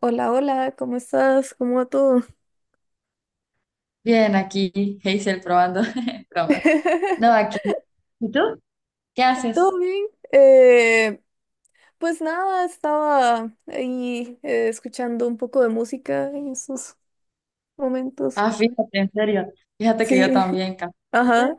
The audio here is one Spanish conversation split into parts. Hola, hola, ¿cómo estás? ¿Cómo va todo? Bien, aquí Hazel probando bromas. No, aquí. ¿Y tú? ¿Qué haces? ¿Todo bien? Eh, pues nada, estaba ahí escuchando un poco de música en esos momentos. Ah, fíjate, en serio. Fíjate que yo Sí, también, ajá, casualmente,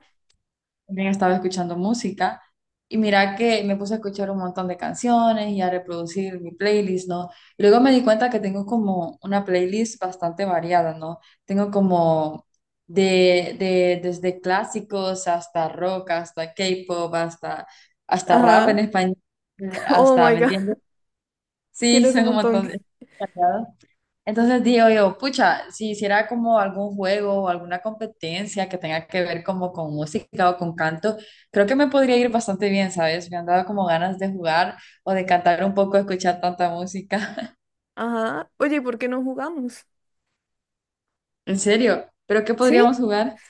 también estaba escuchando música y mira que me puse a escuchar un montón de canciones y a reproducir mi playlist, ¿no? Y luego me di cuenta que tengo como una playlist bastante variada, ¿no? Tengo como de desde clásicos hasta rock, hasta K-pop, hasta, hasta rap en ajá. español, Oh hasta, my ¿me God, entiendes? Sí, tienes un son un montón. montón de... Sagrado. Entonces digo yo, pucha, si hiciera como algún juego o alguna competencia que tenga que ver como con música o con canto, creo que me podría ir bastante bien, ¿sabes? Me han dado como ganas de jugar o de cantar un poco, escuchar tanta música. Ajá. Oye, ¿por qué no jugamos? En serio, ¿pero qué Sí, podríamos jugar?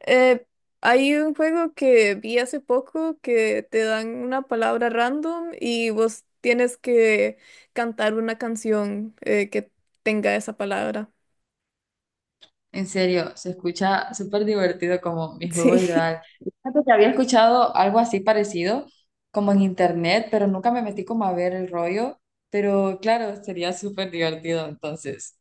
eh, hay un juego que vi hace poco que te dan una palabra random y vos tienes que cantar una canción que tenga esa palabra. En serio, se escucha súper divertido como mi juego Sí, ideal. Fíjate que había escuchado algo así parecido, como en internet, pero nunca me metí como a ver el rollo. Pero claro, sería súper divertido, entonces,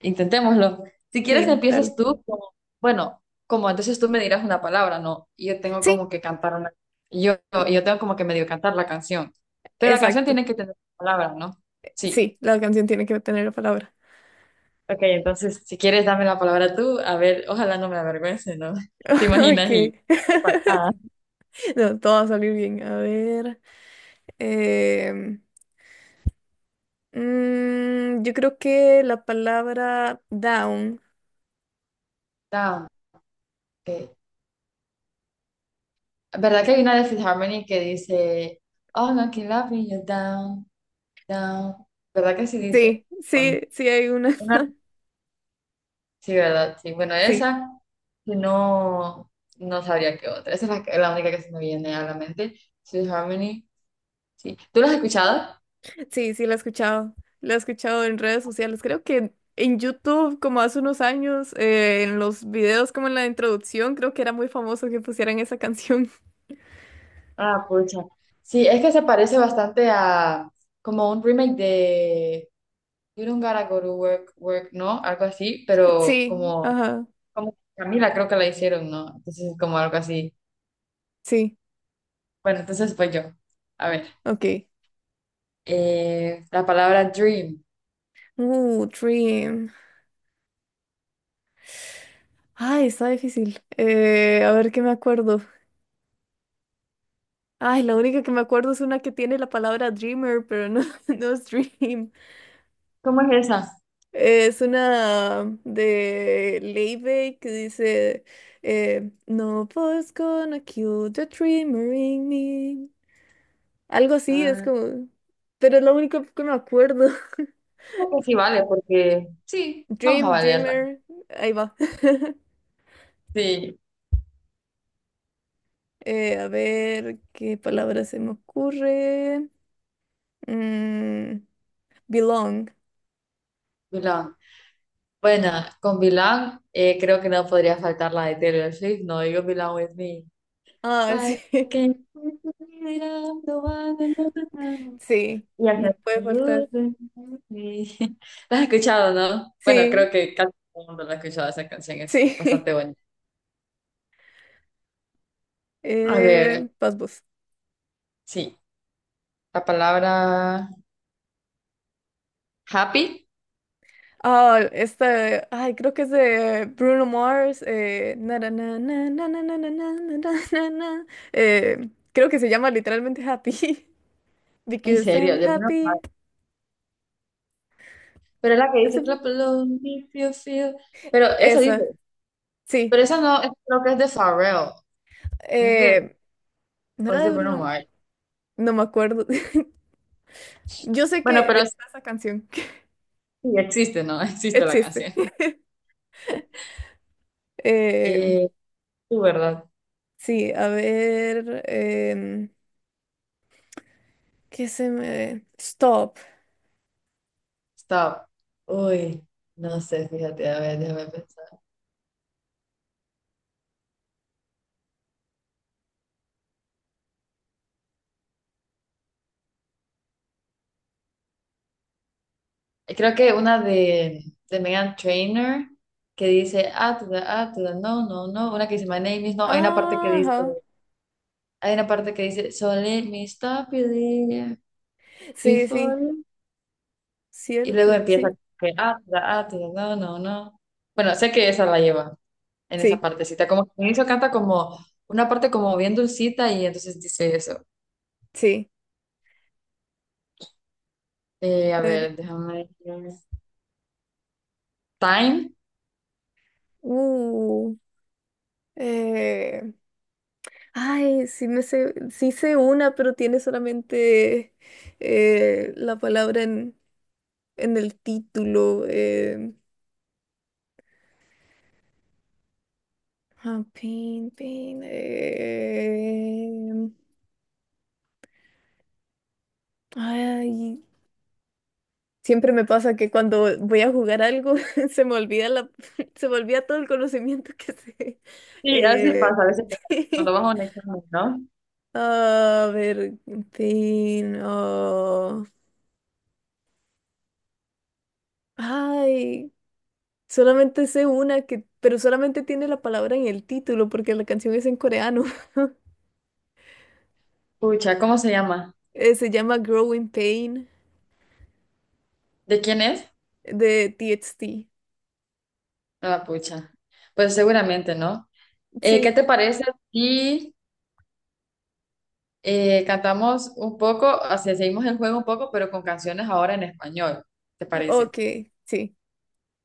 intentémoslo. Si sí, quieres, empiezas dale. tú. Bueno, como entonces tú me dirás una palabra, ¿no? Y yo tengo como Sí, que cantar una... Yo, yo tengo como que medio cantar la canción. Pero la canción exacto. tiene que tener palabras, ¿no? Sí. Sí, la canción tiene que tener la palabra. Ok, entonces, si quieres, dame la palabra tú. A ver, ojalá no me avergüence, ¿no? ¿Te Ok, imaginas? Y... no pasa nada. no, todo va a salir bien. A ver. em, yo creo que la palabra down. Down. Okay. ¿Verdad que hay una de Fifth Harmony que dice, oh, no, can love me, you're down, down? ¿Verdad que sí dice? Sí, On- sí, sí hay una. Una- Sí, ¿verdad? Sí. Bueno, Sí, esa si no, no sabría qué otra. Esa es la única que se me viene a la mente. Fifth Harmony. Sí. ¿Tú la has escuchado? sí, sí la he escuchado. La he escuchado en redes sociales. Creo que en YouTube, como hace unos años, en los videos, como en la introducción, creo que era muy famoso que pusieran esa canción. Ah, pucha. Sí, es que se parece bastante a como un remake: You don't gotta go to work, work, ¿no? Algo así, pero Sí, como, ajá, como Camila creo que la hicieron, ¿no? Entonces, como algo así. sí, Bueno, entonces pues yo. A ver, ok. La palabra dream. Dream. Ay, está difícil. A ver qué me acuerdo. Ay, la única que me acuerdo es una que tiene la palabra Dreamer, pero no, no es Dream. ¿Cómo es esa? Es una de Leibey que dice: No one's gonna kill the dreamer in me. Algo así, es Ah, como. Pero es lo único que me acuerdo. creo que sí vale, porque sí, vamos a Dream, valerla. Dreamer, ahí va. Sí, A ver qué palabra se me ocurre. Mm. Belong. Vilán. Bueno, con Vilán creo que no podría faltar la de Taylor Swift, no digo Vilán with me. Ah, sí. Why can't you be around the one and not the... Sí. Y No hace- puede faltar. ¿La has escuchado, no? Bueno, Sí, creo que casi todo el mundo la ha escuchado, esa canción es sí. bastante bonita. A ver, Pasbus. sí, la palabra happy, Ah, este, ay, creo que es de Bruno Mars. Na, na, na, na, na, na, na, na, na, na, na, na, na. Creo que se llama literalmente Happy. en Because serio, I'm de menos mal. happy. Pero es la que Ese- dice fue- clap along if you feel. Pero esa dice, Esa, sí. pero esa no, creo que es de Pharrell, no es de, Eh, ¿No o es era de de Bruno Bruno? Mars. No me acuerdo. Yo sé Bueno, que pero sí está esa canción. sí existe, ¿no? Existe la Existe. canción. Eh, Eh, tú, ¿verdad? Sí, a ver, ¿qué se me... stop? Stop. Uy, no sé, fíjate, a ver, déjame pensar. Creo que una de Meghan Trainor que dice, ah, to the- no, no, no. Una que dice, my name is, no. Hay una parte que Ah, dice, ajá. So let me stop you there Sí, sí, before. Y luego cierto, empieza, sí, que, ah, to the- no, no, no. Bueno, sé que esa la lleva en esa sí, partecita. Como que al inicio canta como una parte como bien dulcita y entonces dice eso. sí. A A ver. ver, déjame. Ver. Time. Uh, eh, Ay, sí me sé, sí sé una, pero tiene solamente la palabra en el título. Ah, pin, pin. Ay. Siempre me pasa que cuando voy a jugar algo se me olvida la, se me olvida todo el conocimiento que sé. Sí, a veces Eh, pasa, a veces pasa. Cuando vas a un examen, ¿no? A ver, en fin, ah, ay, solamente sé una que, pero solamente tiene la palabra en el título porque la canción es en coreano. Pucha, ¿cómo se llama? Se llama Growing Pain ¿De quién es? de TXT. Ah, pucha. Pues seguramente, ¿no? ¿Qué Sí, te parece si cantamos un poco, o sea, seguimos el juego un poco, pero con canciones ahora en español? ¿Te parece? ok, sí,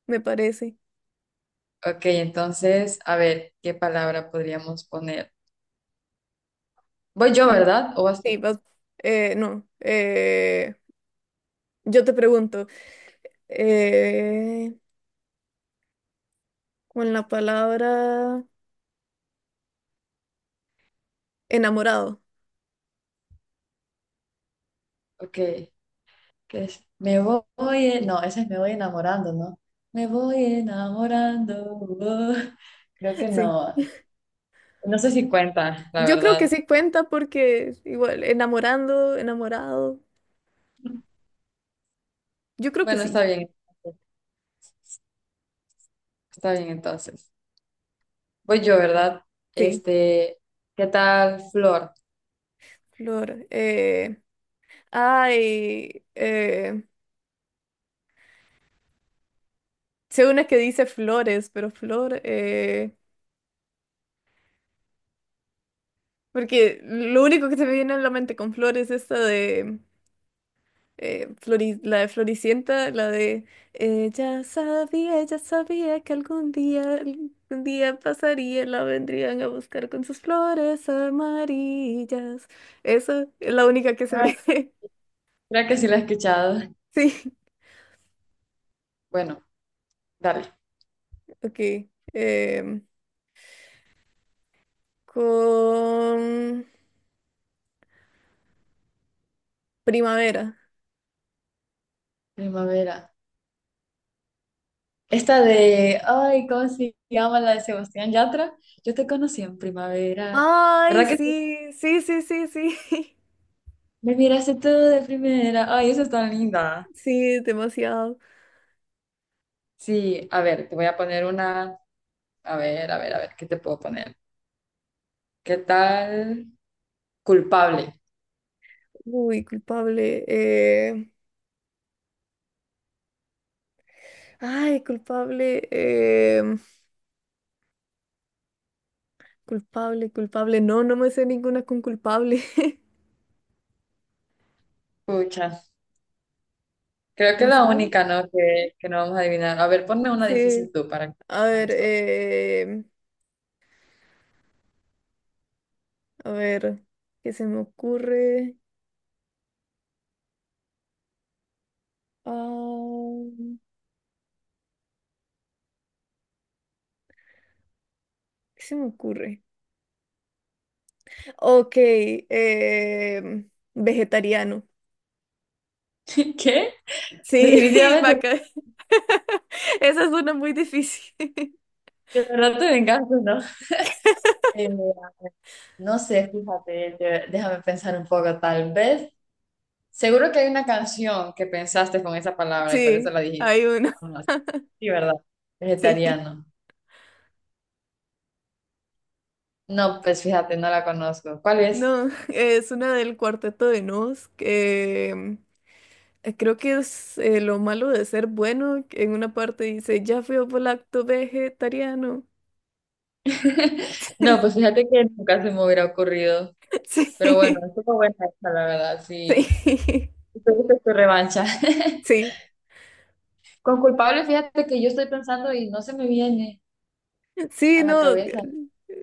me parece. Ok, entonces, a ver, ¿qué palabra podríamos poner? Voy yo, Mm, ¿verdad? ¿O vas sí, tú? No, yo te pregunto. eh, con la palabra enamorado. Ok, ¿qué es? Me voy, no, ese es me voy enamorando, ¿no? Me voy enamorando. Oh. Creo que Sí, no. No sé si cuenta, la yo creo que verdad. sí cuenta porque igual, enamorando, enamorado, yo creo que Bueno, está sí, bien. Está bien entonces. Voy yo, ¿verdad? sí, Este, ¿qué tal, Flor? flor. Ay, eh, Sé una que dice flores, pero flor, porque lo único que se me viene a la mente con flores es esta de... la de Floricienta, la de ella sabía que algún día pasaría, la vendrían a buscar con sus flores amarillas. Esa es la única que se Ay, ve. creo que sí la he escuchado. Sí, Bueno, dale. ok. em, con primavera. Primavera. Esta de, ay, ¿cómo se llama la de Sebastián Yatra? Yo te conocí en primavera. Ay, ¿Verdad que sí? sí, sí, sí, sí, sí. Me miraste tú de primera. Ay, esa es tan linda. Sí, demasiado. Sí, a ver, te voy a poner una. A ver, a ver, a ver, ¿qué te puedo poner? ¿Qué tal? Culpable. Uy, culpable. Ay, culpable. Culpable, culpable. No, no me sé ninguna con culpable. Pucha, creo que ¿Más la alguna? única, ¿no? Que no vamos a adivinar. A ver, ponme una Sí. difícil tú para que A ver, eh, a ver, ¿qué se me ocurre? Ah, ¿qué se me ocurre? Ok, vegetariano. ¿Qué? Sí, Definitivamente, vaca. Esa es una muy difícil. de verdad te vengaste, ¿no? Eh, no sé, fíjate, déjame pensar un poco, tal vez. Seguro que hay una canción que pensaste con esa palabra y por eso Sí, la dijiste. hay una, No, sí, ¿verdad? sí. Vegetariano. No, pues fíjate, no la conozco. ¿Cuál es? No, es una del cuarteto de Nos, que creo que es lo malo de ser bueno, que en una parte dice, ya fui lacto vegetariano. No, pues fíjate que nunca se me hubiera ocurrido. Pero bueno, estuvo buena esta, la verdad, Sí. sí. Sí, Tuviste tu revancha. sí, Con culpable, fíjate que yo estoy pensando y no se me viene sí, a la no. Cabeza.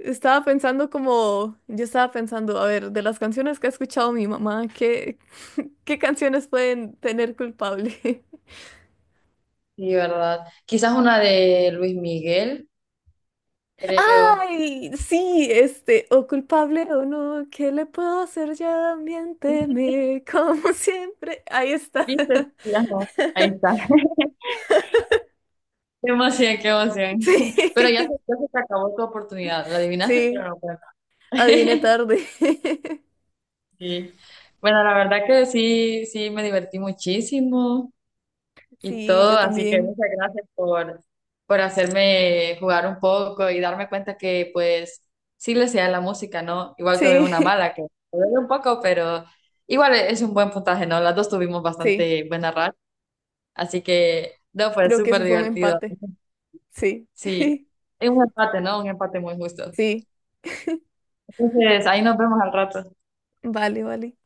Estaba pensando como, yo estaba pensando, a ver, de las canciones que ha escuchado mi mamá, ¿qué canciones pueden tener culpable? Sí, ¿verdad? Quizás una de Luis Miguel, creo. Ay, sí, este, o culpable o no, ¿qué le puedo hacer? Ya también teme, como siempre. Ahí está. ¿Viste? Ya no. Ahí está. Qué emoción, qué emoción. Pero Sí, ya se te acabó tu oportunidad. La adivinaste, sí, pero no cuenta. adiviné tarde. Sí. Bueno, la verdad que sí, sí, me divertí muchísimo. Y Sí, todo. yo Así que también. muchas gracias por hacerme jugar un poco y darme cuenta que pues sí le sea la música, ¿no? Igual tuve Sí, una mala que me duele un poco, pero igual es un buen puntaje, ¿no? Las dos tuvimos sí, bastante buena racha, así que no, fue creo que eso súper fue un divertido. empate. Sí, Sí, es un empate, ¿no? Un empate muy justo. sí, Entonces, ahí nos vemos al rato. vale, vale.